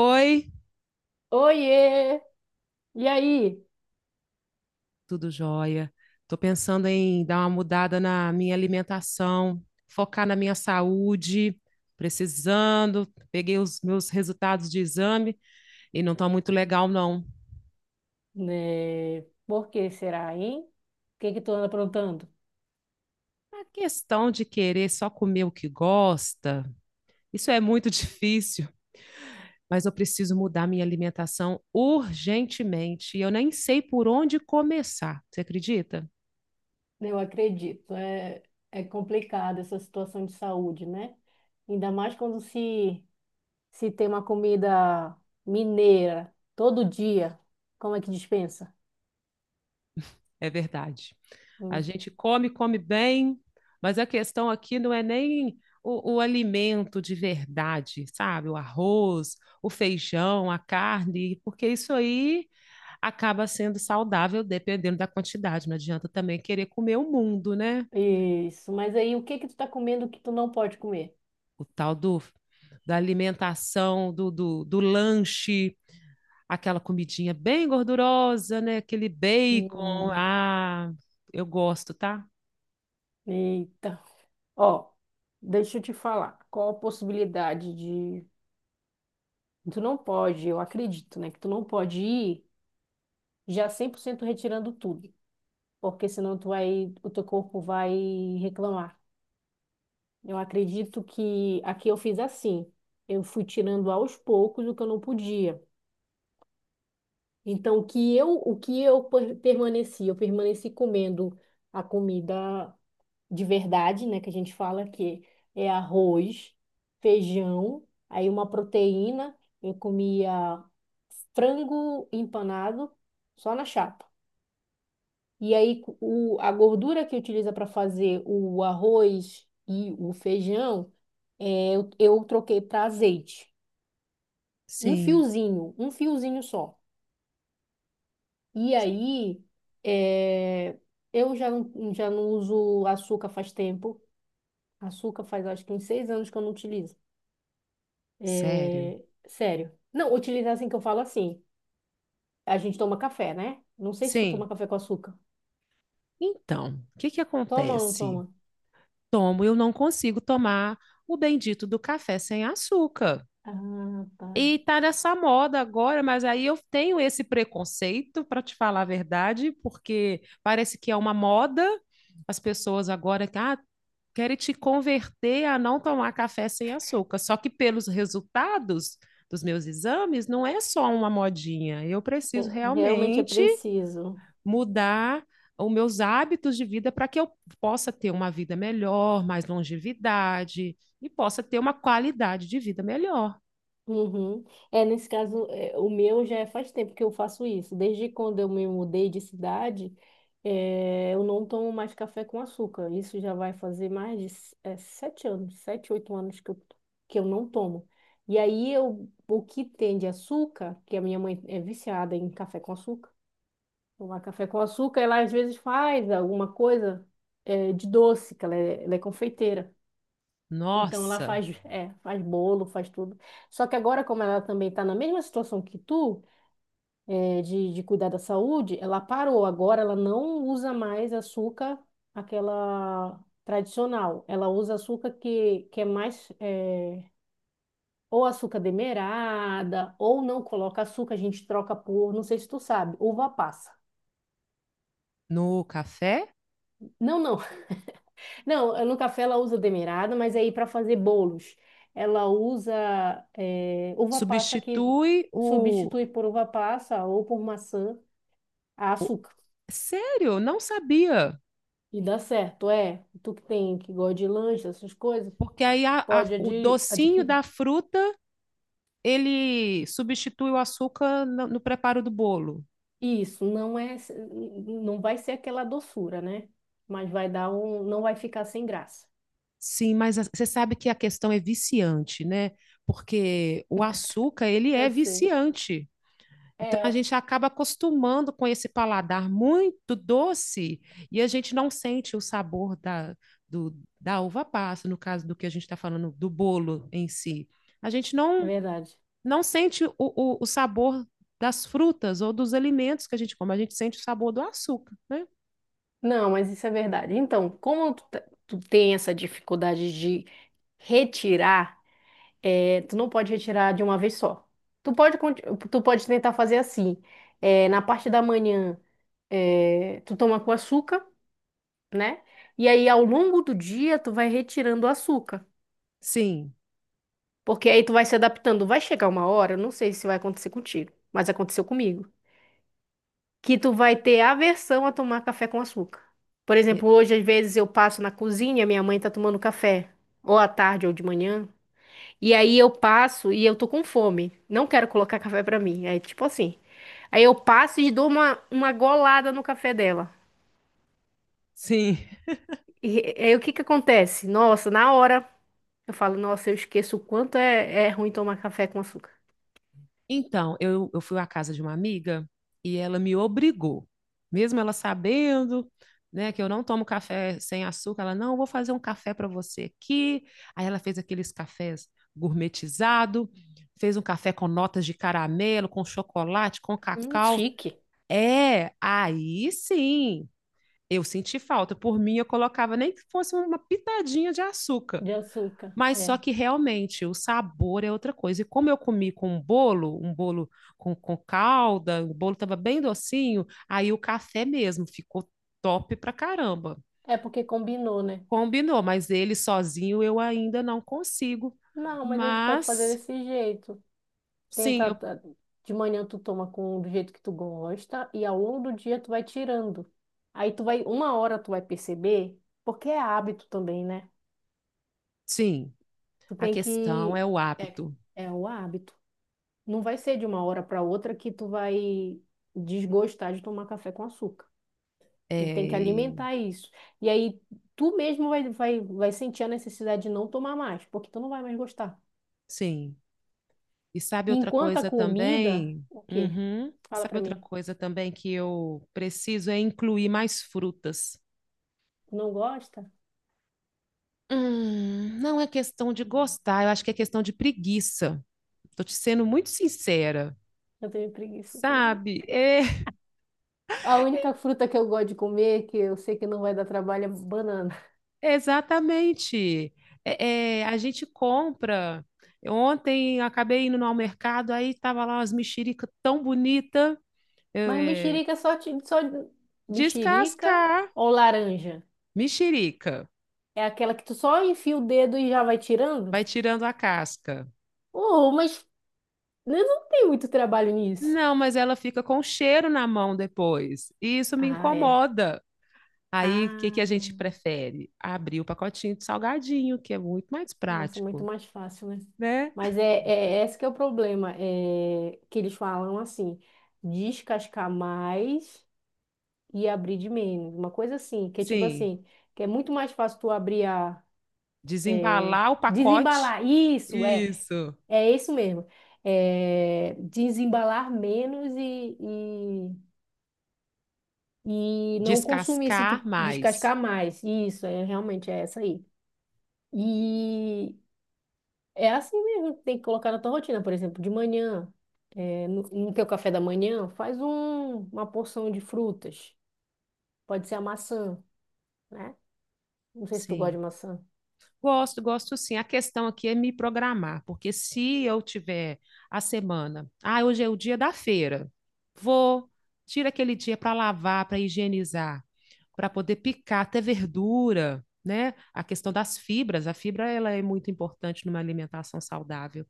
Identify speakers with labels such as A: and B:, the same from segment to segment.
A: Oi,
B: Oiê! E aí?
A: tudo jóia. Tô pensando em dar uma mudada na minha alimentação, focar na minha saúde, precisando. Peguei os meus resultados de exame e não tá muito legal, não.
B: Né? Por que será, hein? O que que tu anda aprontando?
A: A questão de querer só comer o que gosta, isso é muito difícil, mas eu preciso mudar minha alimentação urgentemente e eu nem sei por onde começar. Você acredita?
B: Eu acredito, é, é complicado essa situação de saúde, né? Ainda mais quando se tem uma comida mineira todo dia, como é que dispensa?
A: É verdade. A
B: Hum.
A: gente come, come bem, mas a questão aqui não é nem o alimento de verdade, sabe? O arroz, o feijão, a carne, porque isso aí acaba sendo saudável dependendo da quantidade. Não adianta também querer comer o mundo, né?
B: Isso, mas aí o que que tu tá comendo que tu não pode comer?
A: O tal do, da alimentação, do lanche, aquela comidinha bem gordurosa, né? Aquele bacon.
B: Hum,
A: Ah, eu gosto, tá?
B: eita. Ó, deixa eu te falar. Qual a possibilidade de. Tu não pode, eu acredito, né? Que tu não pode ir já 100% retirando tudo, porque senão tu vai, o teu corpo vai reclamar. Eu acredito que aqui eu fiz assim. Eu fui tirando aos poucos o que eu não podia. Então, o que eu permaneci? Eu permaneci comendo a comida de verdade, né? Que a gente fala que é arroz, feijão, aí uma proteína. Eu comia frango empanado só na chapa. E aí a gordura que utiliza para fazer o arroz e o feijão, eu troquei para azeite.
A: Sim.
B: Um fiozinho só. E aí é, eu já não uso açúcar faz tempo. Açúcar faz acho que uns 6 anos que eu não utilizo.
A: Sério?
B: É, sério. Não, utilizar assim que eu falo assim. A gente toma café, né? Não sei se tu
A: Sim.
B: toma café com açúcar.
A: Então, o que que
B: Toma ou não
A: acontece?
B: toma?
A: Tomo, eu não consigo tomar o bendito do café sem açúcar.
B: Ah, tá.
A: E tá nessa moda agora, mas aí eu tenho esse preconceito, para te falar a verdade, porque parece que é uma moda. As pessoas agora que querem te converter a não tomar café sem açúcar. Só que pelos resultados dos meus exames, não é só uma modinha. Eu preciso
B: É, realmente é
A: realmente
B: preciso.
A: mudar os meus hábitos de vida para que eu possa ter uma vida melhor, mais longevidade e possa ter uma qualidade de vida melhor.
B: Uhum. É, nesse caso, é, o meu já é faz tempo que eu faço isso. Desde quando eu me mudei de cidade, é, eu não tomo mais café com açúcar. Isso já vai fazer mais de 7 anos, 7, 8 anos que eu não tomo. E aí, eu, o que tem de açúcar, que a minha mãe é viciada em café com açúcar, tomar café com açúcar, ela às vezes faz alguma coisa, de doce, que ela é confeiteira. Então ela
A: Nossa,
B: faz, é, faz bolo, faz tudo. Só que agora, como ela também está na mesma situação que tu, de cuidar da saúde, ela parou. Agora ela não usa mais açúcar, aquela tradicional. Ela usa açúcar que é mais, ou açúcar demerara, ou não coloca açúcar, a gente troca por, não sei se tu sabe, uva passa.
A: no café
B: Não, não, não, no café ela usa demerara, mas aí para fazer bolos, ela usa uva passa que
A: substitui o,
B: substitui por uva passa ou por maçã a
A: o...
B: açúcar.
A: sério, não sabia.
B: E dá certo, é. Tu que gosta de lanche, essas coisas,
A: Porque aí
B: pode
A: o
B: adi-
A: docinho
B: adquirir.
A: da fruta, ele substitui o açúcar no preparo do bolo.
B: Isso, não é, não vai ser aquela doçura, né? Mas vai dar um, não vai ficar sem graça.
A: Sim, mas você sabe que a questão é viciante, né? Porque o açúcar, ele
B: Eu
A: é
B: sei.
A: viciante. Então, a
B: É,
A: gente acaba acostumando com esse paladar muito doce e a gente não sente o sabor do, da uva passa, no caso do que a gente está falando, do bolo em si. A gente
B: é
A: não,
B: verdade.
A: não sente o sabor das frutas ou dos alimentos que a gente come, a gente sente o sabor do açúcar, né?
B: Não, mas isso é verdade. Então, como tu tem essa dificuldade de retirar, tu não pode retirar de uma vez só. Tu pode, conti- tu pode tentar fazer assim. Na parte da manhã, tu toma com açúcar, né? E aí, ao longo do dia, tu vai retirando o açúcar.
A: Sim,
B: Porque aí tu vai se adaptando. Vai chegar uma hora, eu não sei se vai acontecer contigo, mas aconteceu comigo. Que tu vai ter aversão a tomar café com açúcar. Por
A: e-
B: exemplo, hoje às vezes eu passo na cozinha, minha mãe tá tomando café, ou à tarde ou de manhã, e aí eu passo e eu tô com fome, não quero colocar café pra mim, é tipo assim. Aí eu passo e dou uma golada no café dela.
A: sim.
B: E aí o que que acontece? Nossa, na hora eu falo, nossa, eu esqueço o quanto é ruim tomar café com açúcar.
A: Então, eu fui à casa de uma amiga e ela me obrigou, mesmo ela sabendo, né, que eu não tomo café sem açúcar, ela, não, eu vou fazer um café para você aqui. Aí ela fez aqueles cafés gourmetizado, fez um café com notas de caramelo, com chocolate, com cacau.
B: Chique.
A: É, aí sim, eu senti falta. Por mim, eu colocava nem que fosse uma pitadinha de açúcar.
B: De açúcar,
A: Mas só
B: é.
A: que realmente o sabor é outra coisa. E como eu comi com um bolo com calda, o bolo estava bem docinho, aí o café mesmo ficou top pra caramba.
B: É porque combinou, né?
A: Combinou, mas ele sozinho eu ainda não consigo.
B: Não, mas aí tu pode fazer
A: Mas
B: desse jeito.
A: sim,
B: Tenta,
A: eu,
B: tá, de manhã tu toma com do jeito que tu gosta e ao longo do dia tu vai tirando. Aí tu vai, uma hora tu vai perceber, porque é hábito também, né?
A: sim,
B: Tu
A: a
B: tem
A: questão
B: que,
A: é o
B: é,
A: hábito.
B: é o hábito. Não vai ser de uma hora para outra que tu vai desgostar de tomar café com açúcar. Tu
A: É,
B: tem que alimentar isso. E aí tu mesmo vai sentir a necessidade de não tomar mais, porque tu não vai mais gostar.
A: sim. E sabe outra
B: Enquanto a
A: coisa
B: comida,
A: também?
B: o quê?
A: Uhum.
B: Fala
A: Sabe
B: para
A: outra
B: mim.
A: coisa também que eu preciso é incluir mais frutas.
B: Não gosta?
A: Não é questão de gostar, eu acho que é questão de preguiça. Tô te sendo muito sincera,
B: Eu tenho preguiça também.
A: sabe? É,
B: A única fruta que eu gosto de comer, que eu sei que não vai dar trabalho, é banana.
A: exatamente. A gente compra. Ontem eu acabei indo ao mercado, aí tava lá umas mexerica tão bonita. Eu,
B: Mas
A: é,
B: mexerica só, só mexerica
A: descascar
B: ou laranja?
A: mexerica,
B: É aquela que tu só enfia o dedo e já vai tirando?
A: vai tirando a casca.
B: Oh, mas eu não tem muito trabalho nisso.
A: Não, mas ela fica com cheiro na mão depois. E isso me
B: Ah, é.
A: incomoda. Aí, o que que a gente
B: Ah,
A: prefere? Abrir o pacotinho de salgadinho, que é muito mais
B: nossa, muito
A: prático,
B: mais fácil, né?
A: né?
B: Mas é, é esse que é o problema, é que eles falam assim, descascar mais e abrir de menos. Uma coisa assim, que é tipo
A: Sim,
B: assim, que é muito mais fácil tu abrir a. É,
A: desembalar o pacote,
B: desembalar. Isso, é.
A: isso,
B: É isso mesmo. É, desembalar menos e não consumir esse
A: descascar
B: tipo,
A: mais.
B: descascar mais. Isso, é realmente é essa aí. E é assim mesmo, que tem que colocar na tua rotina, por exemplo, de manhã. No teu café da manhã, faz uma porção de frutas. Pode ser a maçã, né? Não sei se tu gosta de
A: Sim.
B: maçã.
A: Gosto, gosto sim. A questão aqui é me programar, porque se eu tiver a semana, ah, hoje é o dia da feira, vou, tira aquele dia para lavar, para higienizar, para poder picar até verdura, né? A questão das fibras, a fibra ela é muito importante numa alimentação saudável.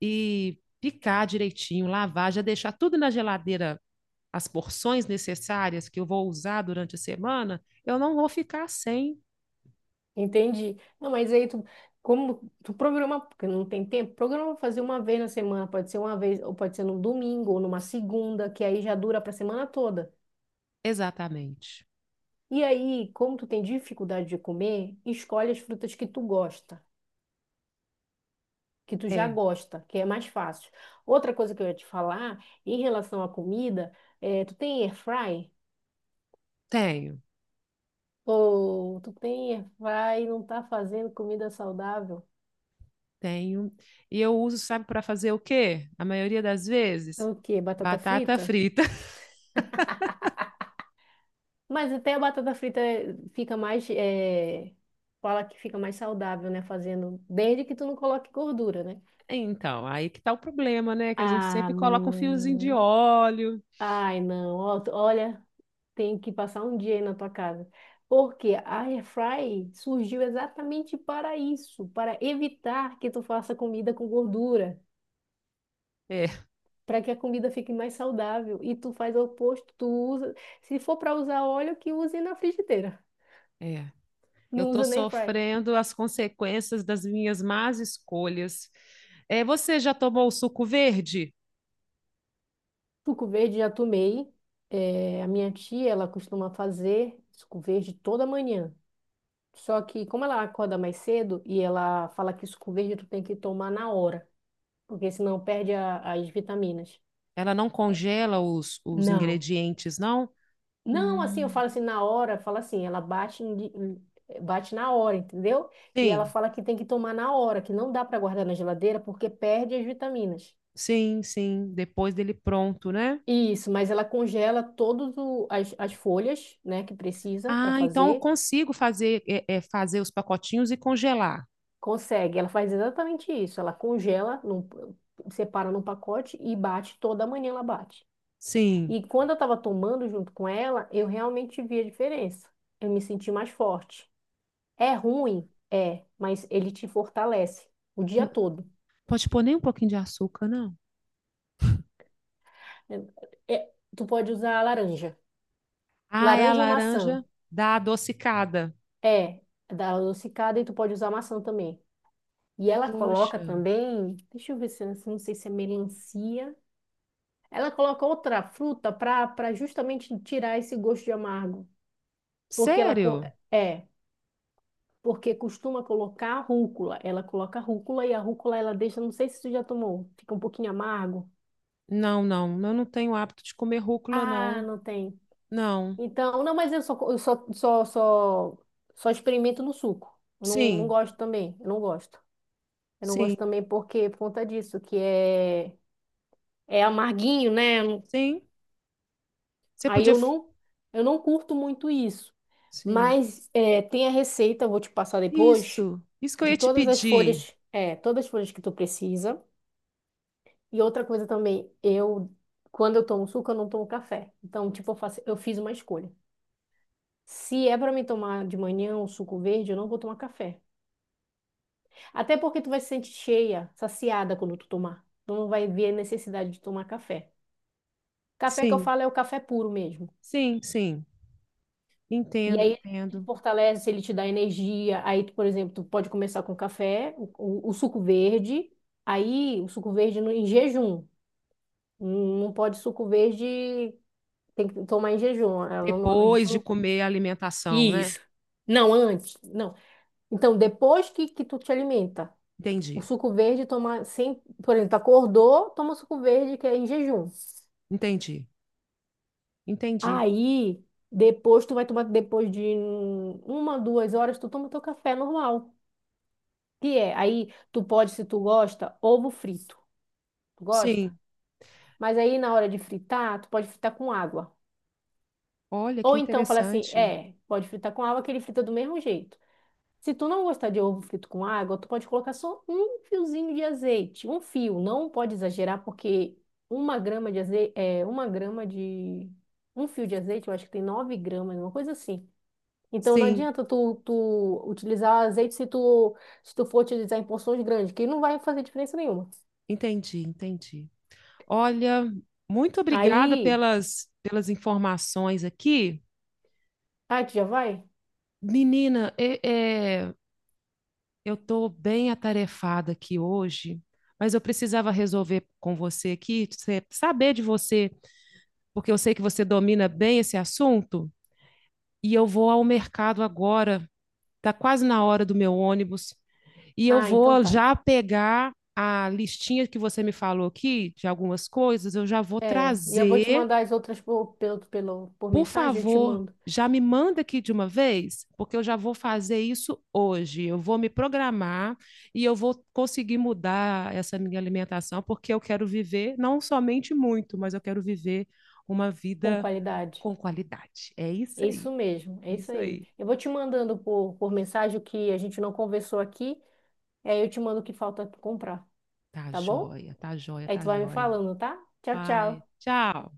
A: E picar direitinho, lavar, já deixar tudo na geladeira, as porções necessárias que eu vou usar durante a semana, eu não vou ficar sem.
B: Entendi. Não, mas aí tu, como tu programa, porque não tem tempo, programa fazer uma vez na semana, pode ser uma vez, ou pode ser num domingo, ou numa segunda, que aí já dura para a semana toda.
A: Exatamente.
B: E aí, como tu tem dificuldade de comer, escolhe as frutas que tu gosta, que tu já
A: É,
B: gosta, que é mais fácil. Outra coisa que eu ia te falar, em relação à comida, é, tu tem air fry?
A: tenho.
B: Ou tu tem air fry e não tá fazendo comida saudável?
A: Tenho. E eu uso, sabe, para fazer o quê? A maioria das
B: É
A: vezes,
B: o quê? Batata
A: batata
B: frita?
A: frita.
B: Mas até a batata frita fica mais. Fala que fica mais saudável, né? Fazendo. Desde que tu não coloque gordura, né?
A: Então, aí que tá o problema, né? Que a gente
B: Ah,
A: sempre coloca um fiozinho de
B: mãe.
A: óleo.
B: Ai, não. Ó, tu- Olha, tem que passar um dia aí na tua casa. Porque a Airfry surgiu exatamente para isso, para evitar que tu faça comida com gordura,
A: É,
B: para que a comida fique mais saudável. E tu faz o oposto, tu usa, se for para usar óleo, que use na frigideira,
A: é. Eu
B: não
A: tô
B: usa na Airfry.
A: sofrendo as consequências das minhas más escolhas. É, você já tomou o suco verde?
B: Suco verde já tomei. É, a minha tia, ela costuma fazer suco verde toda manhã. Só que como ela acorda mais cedo e ela fala que suco verde tu tem que tomar na hora, porque senão perde as vitaminas.
A: Ela não
B: É,
A: congela os
B: não.
A: ingredientes, não?
B: Não, assim, eu
A: Hum.
B: falo assim na hora, fala assim, ela bate, bate na hora, entendeu? E ela
A: Sim,
B: fala que tem que tomar na hora, que não dá para guardar na geladeira porque perde as vitaminas.
A: sim. Depois dele pronto, né?
B: Isso, mas ela congela todas as, as folhas, né, que precisa para
A: Ah, então eu
B: fazer.
A: consigo fazer, fazer os pacotinhos e congelar.
B: Consegue, ela faz exatamente isso. Ela congela, separa num pacote e bate toda manhã ela bate.
A: Sim.
B: E quando eu estava tomando junto com ela, eu realmente vi a diferença. Eu me senti mais forte. É ruim? É, mas ele te fortalece o dia
A: N-
B: todo.
A: Pode pôr nem um pouquinho de açúcar, não?
B: Tu pode usar laranja.
A: Ah, é a
B: Laranja ou maçã?
A: laranja da adocicada.
B: É, dá adocicada e tu pode usar maçã também. E ela coloca
A: Poxa.
B: também, deixa eu ver se, não sei se é melancia. Ela coloca outra fruta para justamente tirar esse gosto de amargo, porque ela co-
A: Sério?
B: é, porque costuma colocar rúcula. Ela coloca rúcula e a rúcula ela deixa, não sei se você já tomou, fica um pouquinho amargo.
A: Não, não, eu não tenho hábito de comer rúcula,
B: Ah,
A: não.
B: não tem.
A: Não.
B: Então, não, mas eu só co- eu só só só, só experimento no suco. Eu não, não
A: Sim,
B: gosto também, eu não gosto. Eu não
A: sim,
B: gosto também porque por conta disso, que é amarguinho, né?
A: Sim, você
B: Aí
A: podia.
B: eu não, eu não curto muito isso.
A: Sim,
B: Mas é, tem a receita, eu vou te passar depois,
A: Isso, isso que eu
B: de
A: ia te
B: todas as
A: pedir.
B: folhas, é, todas as folhas que tu precisa. E outra coisa também, eu, quando eu tomo suco, eu não tomo café. Então, tipo, eu faço, eu fiz uma escolha. Se é para mim tomar de manhã um suco verde, eu não vou tomar café. Até porque tu vai se sentir cheia, saciada quando tu tomar. Tu não vai ver a necessidade de tomar café. Café que eu
A: Sim,
B: falo é o café puro mesmo.
A: sim, sim,
B: E
A: entendo,
B: aí ele
A: entendo.
B: fortalece, ele te dá energia. Aí, tu, por exemplo, tu pode começar com café, o suco verde. Aí, o suco verde no, em jejum. Não não pode suco verde, tem que tomar em jejum. Ela não- a gente
A: Depois de
B: não-
A: comer a alimentação, né?
B: Isso. Não, antes, não. Então, depois que tu te alimenta, o
A: Entendi,
B: suco verde toma sem, por exemplo, acordou, toma o suco verde que é em jejum.
A: entendi, entendi.
B: Aí, depois tu vai tomar depois de uma, 2 horas, tu toma teu café normal. Que é, aí tu pode, se tu gosta, ovo frito. Tu gosta?
A: Sim,
B: Mas aí na hora de fritar, tu pode fritar com água.
A: olha que
B: Ou então fala assim,
A: interessante.
B: é, pode fritar com água que ele frita do mesmo jeito. Se tu não gostar de ovo frito com água, tu pode colocar só um fiozinho de azeite, um fio. Não pode exagerar porque 1 grama de azeite, é, uma grama de um fio de azeite, eu acho que tem 9 gramas, uma coisa assim. Então não
A: Sim,
B: adianta tu utilizar azeite se tu for utilizar em porções grandes, que não vai fazer diferença nenhuma.
A: entendi, entendi. Olha, muito obrigada
B: Aí.
A: pelas, pelas informações aqui.
B: Ah, tu já vai?
A: Menina, é, eu estou bem atarefada aqui hoje, mas eu precisava resolver com você aqui, saber de você, porque eu sei que você domina bem esse assunto, e eu vou ao mercado agora. Está quase na hora do meu ônibus. E eu
B: Ah, então
A: vou
B: tá.
A: já pegar a listinha que você me falou aqui de algumas coisas, eu já vou
B: É, e eu vou te
A: trazer.
B: mandar as outras por
A: Por
B: mensagem, eu te
A: favor,
B: mando
A: já me manda aqui de uma vez, porque eu já vou fazer isso hoje. Eu vou me programar e eu vou conseguir mudar essa minha alimentação, porque eu quero viver não somente muito, mas eu quero viver uma
B: com
A: vida
B: qualidade.
A: com qualidade. É isso
B: É isso
A: aí,
B: mesmo, é isso
A: isso
B: aí.
A: aí.
B: Eu vou te mandando por mensagem o que a gente não conversou aqui, e aí eu te mando o que falta comprar,
A: Tá
B: tá bom?
A: joia, tá joia,
B: Aí tu
A: tá
B: vai me
A: joia.
B: falando, tá? Tchau,
A: Pai,
B: tchau.
A: tchau.